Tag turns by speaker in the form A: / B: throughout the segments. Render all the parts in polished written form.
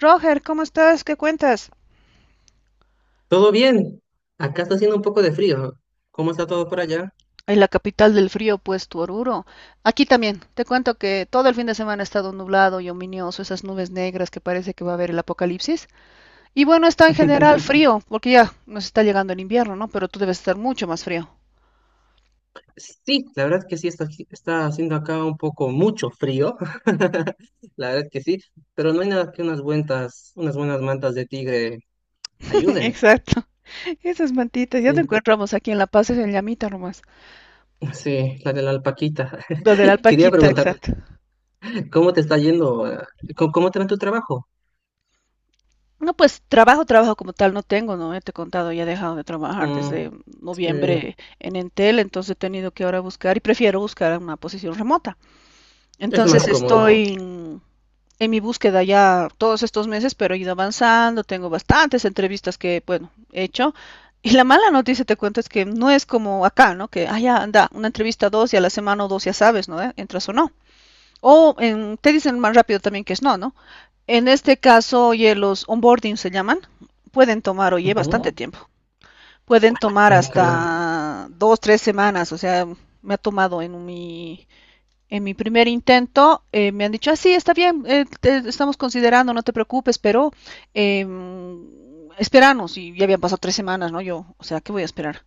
A: Roger, ¿cómo estás? ¿Qué cuentas?
B: Todo bien. Acá está haciendo un poco de frío. ¿Cómo está todo por allá?
A: En la capital del frío, pues, tu Oruro. Aquí también. Te cuento que todo el fin de semana ha estado nublado y ominioso, esas nubes negras que parece que va a haber el apocalipsis. Y bueno, está en general frío, porque ya nos está llegando el invierno, ¿no? Pero tú debes estar mucho más frío.
B: Sí, la verdad es que sí, está, está haciendo acá un poco mucho frío. La verdad es que sí, pero no hay nada que unas buenas mantas de tigre ayuden.
A: Exacto. Esas mantitas, ya te
B: Sí,
A: encontramos aquí en La Paz, es en Llamita nomás.
B: sí, la de la alpaquita.
A: Lo de la
B: Quería
A: alpaquita,
B: preguntarte,
A: exacto.
B: ¿cómo te está yendo? ¿ cómo te va en tu trabajo?
A: No, pues trabajo como tal no tengo, ¿no? Ya te he contado, ya he dejado de trabajar
B: Mm,
A: desde, sí,
B: sí,
A: noviembre en Entel, entonces he tenido que ahora buscar y prefiero buscar una posición remota.
B: es más
A: Entonces
B: cómodo.
A: estoy en mi búsqueda ya todos estos meses, pero he ido avanzando, tengo bastantes entrevistas que, bueno, he hecho. Y la mala noticia, te cuento, es que no es como acá, ¿no? Que, ah, ya, anda, una entrevista dos y a la semana o dos ya sabes, ¿no? Entras o no. O en, te dicen más rápido también que es no, ¿no? En este caso, oye, los onboarding se llaman, pueden tomar, oye,
B: Ujú,
A: bastante tiempo. Pueden tomar
B: increíble.
A: hasta dos, 3 semanas, o sea, me ha tomado en mi primer intento, me han dicho, ah, sí, está bien, te estamos considerando, no te preocupes, pero eh, esperanos, y ya habían pasado 3 semanas, ¿no? Yo, o sea, ¿qué voy a esperar?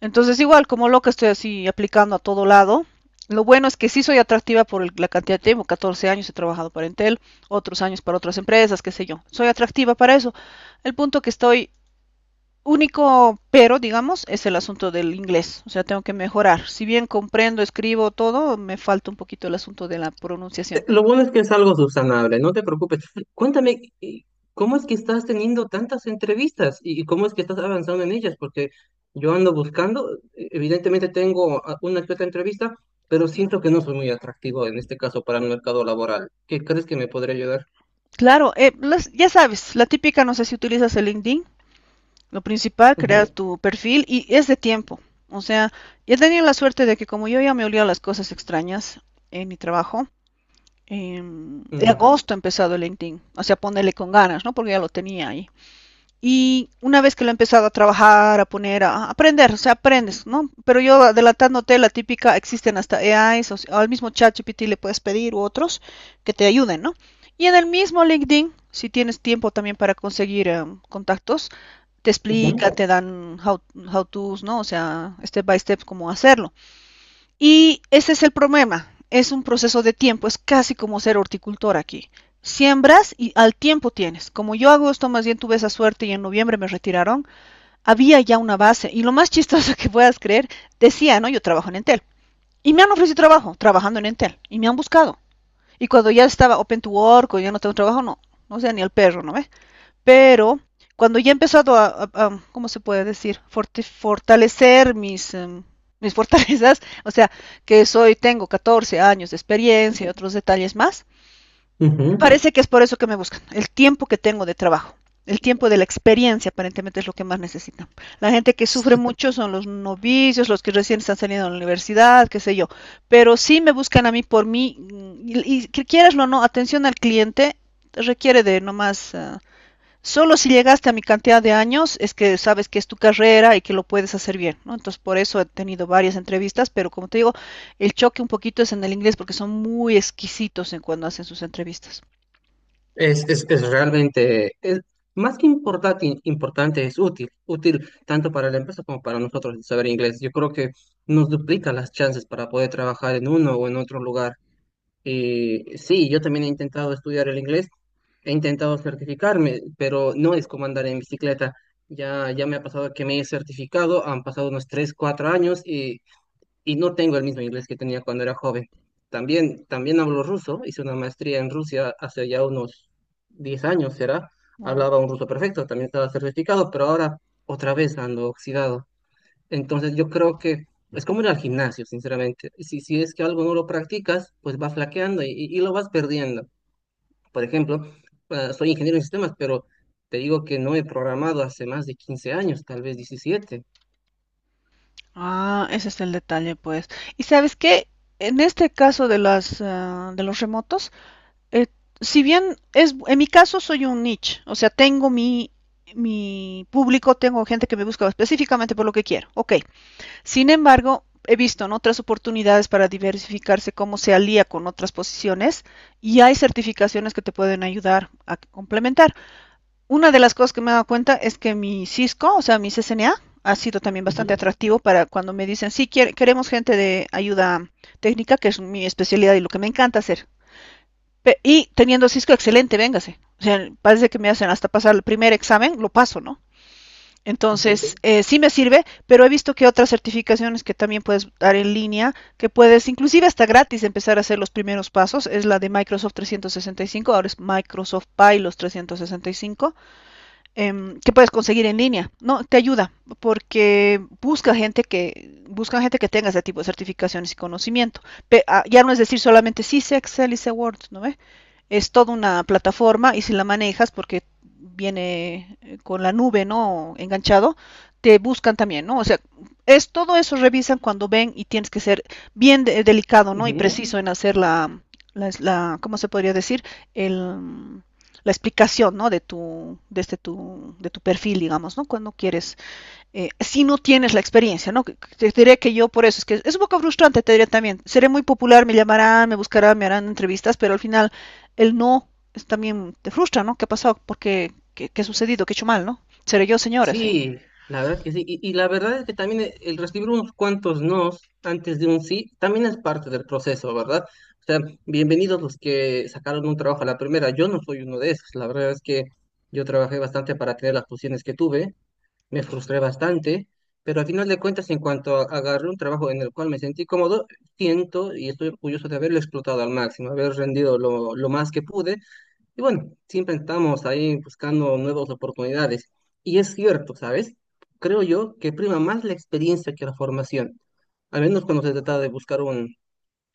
A: Entonces, igual, como loca estoy así aplicando a todo lado. Lo bueno es que sí soy atractiva por la cantidad de tiempo. 14 años he trabajado para Entel, otros años para otras empresas, qué sé yo. Soy atractiva para eso. El punto que estoy único, pero digamos, es el asunto del inglés. O sea, tengo que mejorar. Si bien comprendo, escribo todo, me falta un poquito el asunto de la pronunciación.
B: Lo bueno es que es algo subsanable, no te preocupes. Cuéntame, ¿cómo es que estás teniendo tantas entrevistas y cómo es que estás avanzando en ellas? Porque yo ando buscando, evidentemente tengo una que otra entrevista, pero siento que no soy muy atractivo en este caso para el mercado laboral. ¿Qué crees que me podría ayudar?
A: Claro, ya sabes, la típica, no sé si utilizas el LinkedIn. Lo principal, crear tu perfil y es de tiempo. O sea, he tenía la suerte de que como yo ya me olía las cosas extrañas en mi trabajo, en
B: Ujú,
A: agosto he empezado el LinkedIn, o sea, ponerle con ganas, ¿no? Porque ya lo tenía ahí. Y una vez que lo he empezado a trabajar, a poner, a aprender, o sea, aprendes, ¿no? Pero yo adelantándote, la típica, existen hasta AIs, o sea, al mismo ChatGPT le puedes pedir u otros que te ayuden, ¿no? Y en el mismo LinkedIn, si tienes tiempo también para conseguir contactos, te
B: mm, ujú,
A: explica, te dan how to's, ¿no? O sea, step by step cómo hacerlo. Y ese es el problema. Es un proceso de tiempo, es casi como ser horticultor aquí. Siembras y al tiempo tienes. Como yo hago esto, más bien tuve esa suerte y en noviembre me retiraron, había ya una base. Y lo más chistoso que puedas creer, decía, ¿no? Yo trabajo en Entel. Y me han ofrecido trabajo trabajando en Entel. Y me han buscado. Y cuando ya estaba open to work o ya no tengo trabajo, no. No sea ni el perro, ¿no ve? Pero cuando ya he empezado ¿cómo se puede decir? Fortalecer mis, mis fortalezas, o sea, que soy, tengo 14 años de experiencia y otros detalles más,
B: ujú.
A: parece que es por eso que me buscan, el tiempo que tengo de trabajo. El tiempo de la experiencia aparentemente es lo que más necesitan. La gente que sufre mucho son los novicios, los que recién están saliendo de la universidad, qué sé yo. Pero sí me buscan a mí por mí, mm, y que quieras o no, atención al cliente requiere de nomás solo si llegaste a mi cantidad de años es que sabes que es tu carrera y que lo puedes hacer bien, ¿no? Entonces, por eso he tenido varias entrevistas, pero como te digo, el choque un poquito es en el inglés porque son muy exquisitos en cuando hacen sus entrevistas.
B: Es realmente, es, importante, es útil tanto para la empresa como para nosotros el saber inglés. Yo creo que nos duplica las chances para poder trabajar en uno o en otro lugar. Y sí, yo también he intentado estudiar el inglés, he intentado certificarme, pero no es como andar en bicicleta. Ya me ha pasado que me he certificado, han pasado unos 3 4 años y no tengo el mismo inglés que tenía cuando era joven. También hablo ruso, hice una maestría en Rusia hace ya unos 10 años, será.
A: Wow.
B: Hablaba un ruso perfecto, también estaba certificado, pero ahora otra vez ando oxidado. Entonces yo creo que es como ir al gimnasio, sinceramente. Si es que algo no lo practicas, pues va flaqueando y lo vas perdiendo. Por ejemplo, soy ingeniero en sistemas, pero te digo que no he programado hace más de 15 años, tal vez 17.
A: Ah, ese es el detalle, pues. Y sabes qué, en este caso de de los remotos, eh, si bien es, en mi caso soy un niche, o sea, tengo mi, mi público, tengo gente que me busca específicamente por lo que quiero. Ok. Sin embargo, he visto en otras oportunidades para diversificarse cómo se alía con otras posiciones y hay certificaciones que te pueden ayudar a complementar. Una de las cosas que me he dado cuenta es que mi Cisco, o sea, mi CCNA, ha sido también bastante
B: Ujú,
A: atractivo para cuando me dicen, sí, queremos gente de ayuda técnica, que es mi especialidad y lo que me encanta hacer. Y teniendo Cisco, excelente, véngase. O sea, parece que me hacen hasta pasar el primer examen, lo paso, ¿no?
B: ujú.
A: Entonces, sí me sirve, pero he visto que otras certificaciones que también puedes dar en línea, que puedes inclusive hasta gratis empezar a hacer los primeros pasos, es la de Microsoft 365, ahora es Microsoft Pilos 365, eh, que puedes conseguir en línea. No, te ayuda porque busca gente que tenga ese tipo de certificaciones y conocimiento. Ya no es decir solamente sí sé Excel y sé Word, ¿no ve? Es toda una plataforma y si la manejas, porque viene con la nube, ¿no? Enganchado, te buscan también, ¿no? O sea, es todo eso revisan cuando ven y tienes que ser bien delicado, ¿no? Y
B: Ujú.
A: preciso en hacer ¿cómo se podría decir? El, la explicación, ¿no? De de tu perfil, digamos, ¿no? Cuando quieres si no tienes la experiencia, ¿no? Te diré que yo por eso, es que es un poco frustrante, te diré también, seré muy popular, me llamarán, me buscarán, me harán entrevistas, pero al final el no es, también te frustra, ¿no? ¿Qué ha pasado? ¿Por qué? ¿Qué ha sucedido? ¿Qué he hecho mal, no? Seré yo, señora, sí.
B: Sí, la verdad que sí. Y la verdad es que también el recibir unos cuantos nos antes de un sí también es parte del proceso, ¿verdad? O sea, bienvenidos los que sacaron un trabajo a la primera. Yo no soy uno de esos. La verdad es que yo trabajé bastante para tener las posiciones que tuve. Me frustré bastante, pero al final de cuentas, en agarré un trabajo en el cual me sentí cómodo, siento y estoy orgulloso de haberlo explotado al máximo, haber rendido lo más que pude y bueno, siempre estamos ahí buscando nuevas oportunidades. Y es cierto, ¿sabes? Creo yo que prima más la experiencia que la formación, al menos cuando se trata de buscar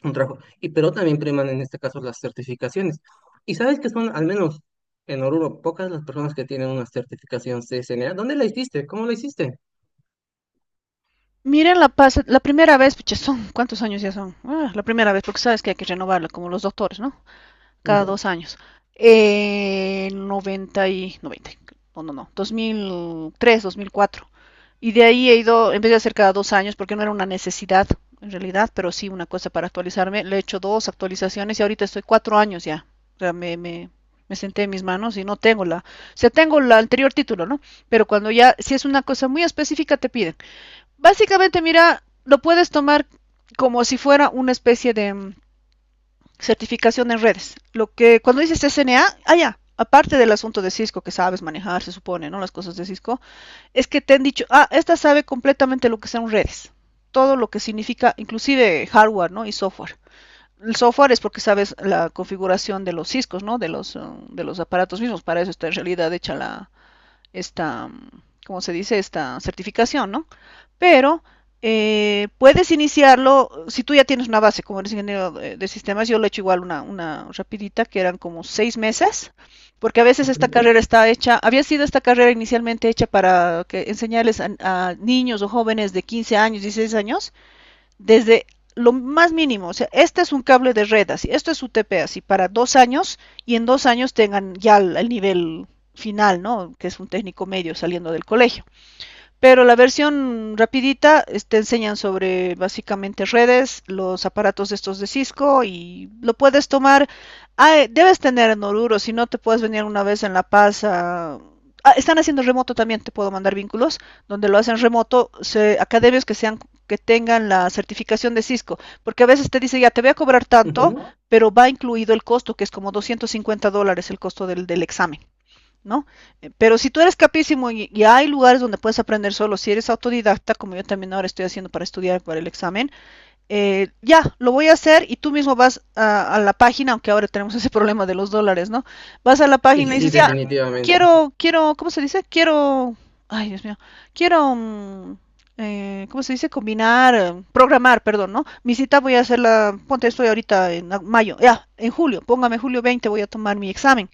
B: un trabajo. Y pero también priman en este caso las certificaciones. Y sabes que son, al menos en Oruro, pocas las personas que tienen una certificación C S N A. ¿Dónde la hiciste? ¿Cómo la hiciste?
A: Miren, la primera vez, pucha, son, ¿cuántos años ya son? Ah, la primera vez, porque sabes que hay que renovarla, como los doctores, ¿no? Cada
B: Mm,
A: 2 años. 90 y 90 no, no, no, dos 2003 2004. Y de ahí he ido, en vez de hacer cada 2 años, porque no era una necesidad en realidad, pero sí una cosa para actualizarme, le he hecho dos actualizaciones y ahorita estoy 4 años ya. O sea, me senté en mis manos y no tengo la, o sea, tengo el anterior título, ¿no? Pero cuando ya, si es una cosa muy específica, te piden. Básicamente, mira, lo puedes tomar como si fuera una especie de, certificación en redes. Lo que cuando dices SNA, ah, ya, aparte del asunto de Cisco que sabes manejar, se supone, ¿no? Las cosas de Cisco, es que te han dicho, ah, esta sabe completamente lo que son redes, todo lo que significa, inclusive hardware, ¿no? Y software. El software es porque sabes la configuración de los Ciscos, ¿no? De los, de los aparatos mismos. Para eso está en realidad hecha esta, ¿cómo se dice? Esta certificación, ¿no? Pero puedes iniciarlo si tú ya tienes una base, como eres ingeniero de sistemas, yo lo he hecho igual una rapidita, que eran como 6 meses, porque a veces esta
B: ujú,
A: carrera está hecha, había sido esta carrera inicialmente hecha para que enseñarles a niños o jóvenes de 15 años, 16 años, desde lo más mínimo, o sea, este es un cable de red, así, esto es UTP, así, para 2 años y en 2 años tengan ya el nivel final, ¿no? Que es un técnico medio saliendo del colegio. Pero la versión rapidita te enseñan sobre básicamente redes, los aparatos estos de Cisco y lo puedes tomar. Ah, debes tener en Oruro, si no te puedes venir una vez en La Paz a- Ah, están haciendo remoto también, te puedo mandar vínculos, donde lo hacen remoto, se, academias que sean, que tengan la certificación de Cisco, porque a veces te dice, ya te voy a cobrar tanto,
B: ujú.
A: pero va incluido el costo, que es como $250 el costo del examen. ¿No? Pero si tú eres capísimo y hay lugares donde puedes aprender solo, si eres autodidacta, como yo también ahora estoy haciendo para estudiar para el examen, ya, lo voy a hacer y tú mismo vas a la página, aunque ahora tenemos ese problema de los dólares, ¿no? Vas a la
B: Y
A: página y
B: sí,
A: dices, ya,
B: definitivamente.
A: quiero, ¿cómo se dice? Quiero, ay, Dios mío, quiero ¿cómo se dice? Combinar, programar, perdón, ¿no? Mi cita voy a hacerla, ponte, estoy ahorita en mayo, ya, en julio, póngame 20 de julio, voy a tomar mi examen.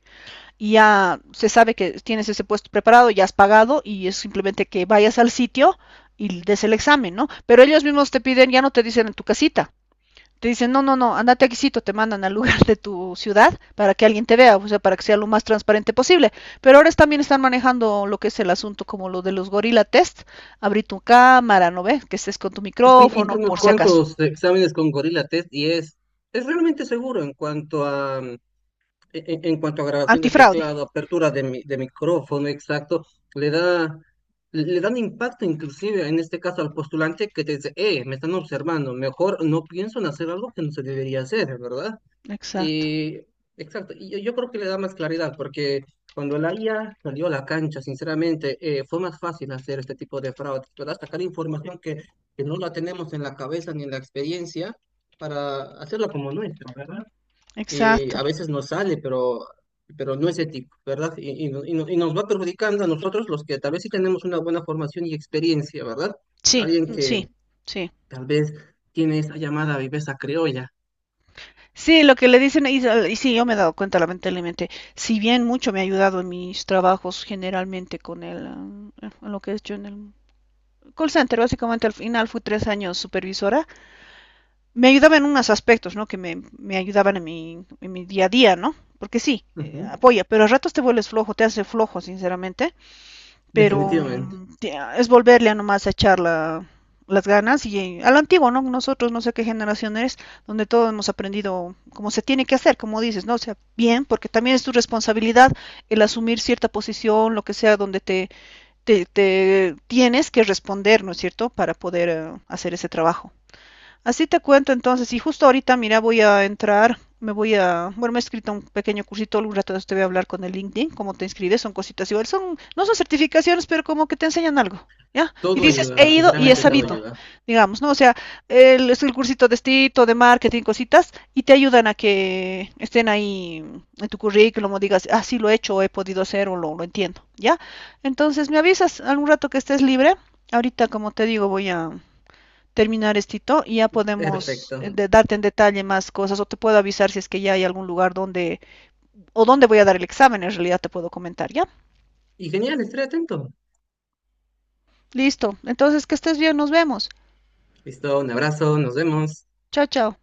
A: Ya se sabe que tienes ese puesto preparado, ya has pagado y es simplemente que vayas al sitio y des el examen, ¿no? Pero ellos mismos te piden, ya no te dicen en tu casita, te dicen, no, no, no, andate aquí, sí, te mandan al lugar de tu ciudad para que alguien te vea, o sea, para que sea lo más transparente posible. Pero ahora también están manejando lo que es el asunto como lo de los gorila test, abrir tu cámara, ¿no ves? Que estés con tu
B: Sí,
A: micrófono,
B: hice unos
A: por si acaso.
B: cuantos exámenes con Gorilla Test y es realmente seguro en cuanto a en cuanto a grabación de
A: Antifraude.
B: teclado, apertura de, de micrófono, exacto, le da, le dan impacto inclusive en este caso al postulante que te dice, me están observando, mejor no pienso en hacer algo que no se debería hacer, ¿verdad?
A: Exacto,
B: Y exacto, yo creo que le da más claridad porque cuando la IA salió a la cancha, sinceramente, fue más fácil hacer este tipo de fraudes, ¿verdad? Sacar información que no la tenemos en la cabeza ni en la experiencia para hacerla como nuestra, ¿verdad? Y
A: exacto.
B: a veces nos sale, pero no es ético, ¿verdad? Y, no- y no- y nos va perjudicando a nosotros los que tal vez sí tenemos una buena formación y experiencia, ¿verdad?
A: Sí,
B: Alguien que
A: sí, sí.
B: tal vez tiene esa llamada viveza criolla.
A: Sí, lo que le dicen, y sí, yo me he dado cuenta, lamentablemente, si bien mucho me ha ayudado en mis trabajos generalmente con el, ah, en lo que he hecho en el call center, básicamente al final fui 3 años supervisora, me ayudaba en unos aspectos, ¿no? Que me ayudaban en mi día a día, ¿no? Porque sí,
B: Ujú,
A: apoya, pero a ratos te vuelves flojo, te hace flojo, sinceramente pero
B: definitivamente.
A: es volverle a nomás a echar las ganas y a lo antiguo, ¿no? Nosotros no sé qué generación eres, donde todos hemos aprendido como se tiene que hacer, como dices, ¿no? O sea, bien, porque también es tu responsabilidad el asumir cierta posición, lo que sea, donde te tienes que responder, ¿no es cierto?, para poder hacer ese trabajo. Así te cuento entonces, y justo ahorita, mira, voy a entrar, me voy a, bueno, me he escrito un pequeño cursito, algún rato de te voy a hablar con el LinkedIn, cómo te inscribes, son cositas igual, son, no son certificaciones, pero como que te enseñan algo, ¿ya? Y
B: Todo
A: dices,
B: ayuda,
A: he ido y he
B: sinceramente todo
A: sabido,
B: ayuda.
A: digamos, ¿no? O sea, el, es el cursito de estilo, de marketing, cositas, y te ayudan a que estén ahí en tu currículum, o digas, ah, sí lo he hecho, o he podido hacer, o lo entiendo, ¿ya? Entonces, me avisas algún rato que estés libre, ahorita, como te digo, voy a terminar esto y ya podemos
B: Perfecto.
A: darte en detalle más cosas o te puedo avisar si es que ya hay algún lugar donde o dónde voy a dar el examen, en realidad te puedo comentar, ¿ya?
B: Y genial, estaré atento.
A: Listo. Entonces, que estés bien, nos vemos.
B: Listo, un abrazo, nos vemos.
A: Chao, chao.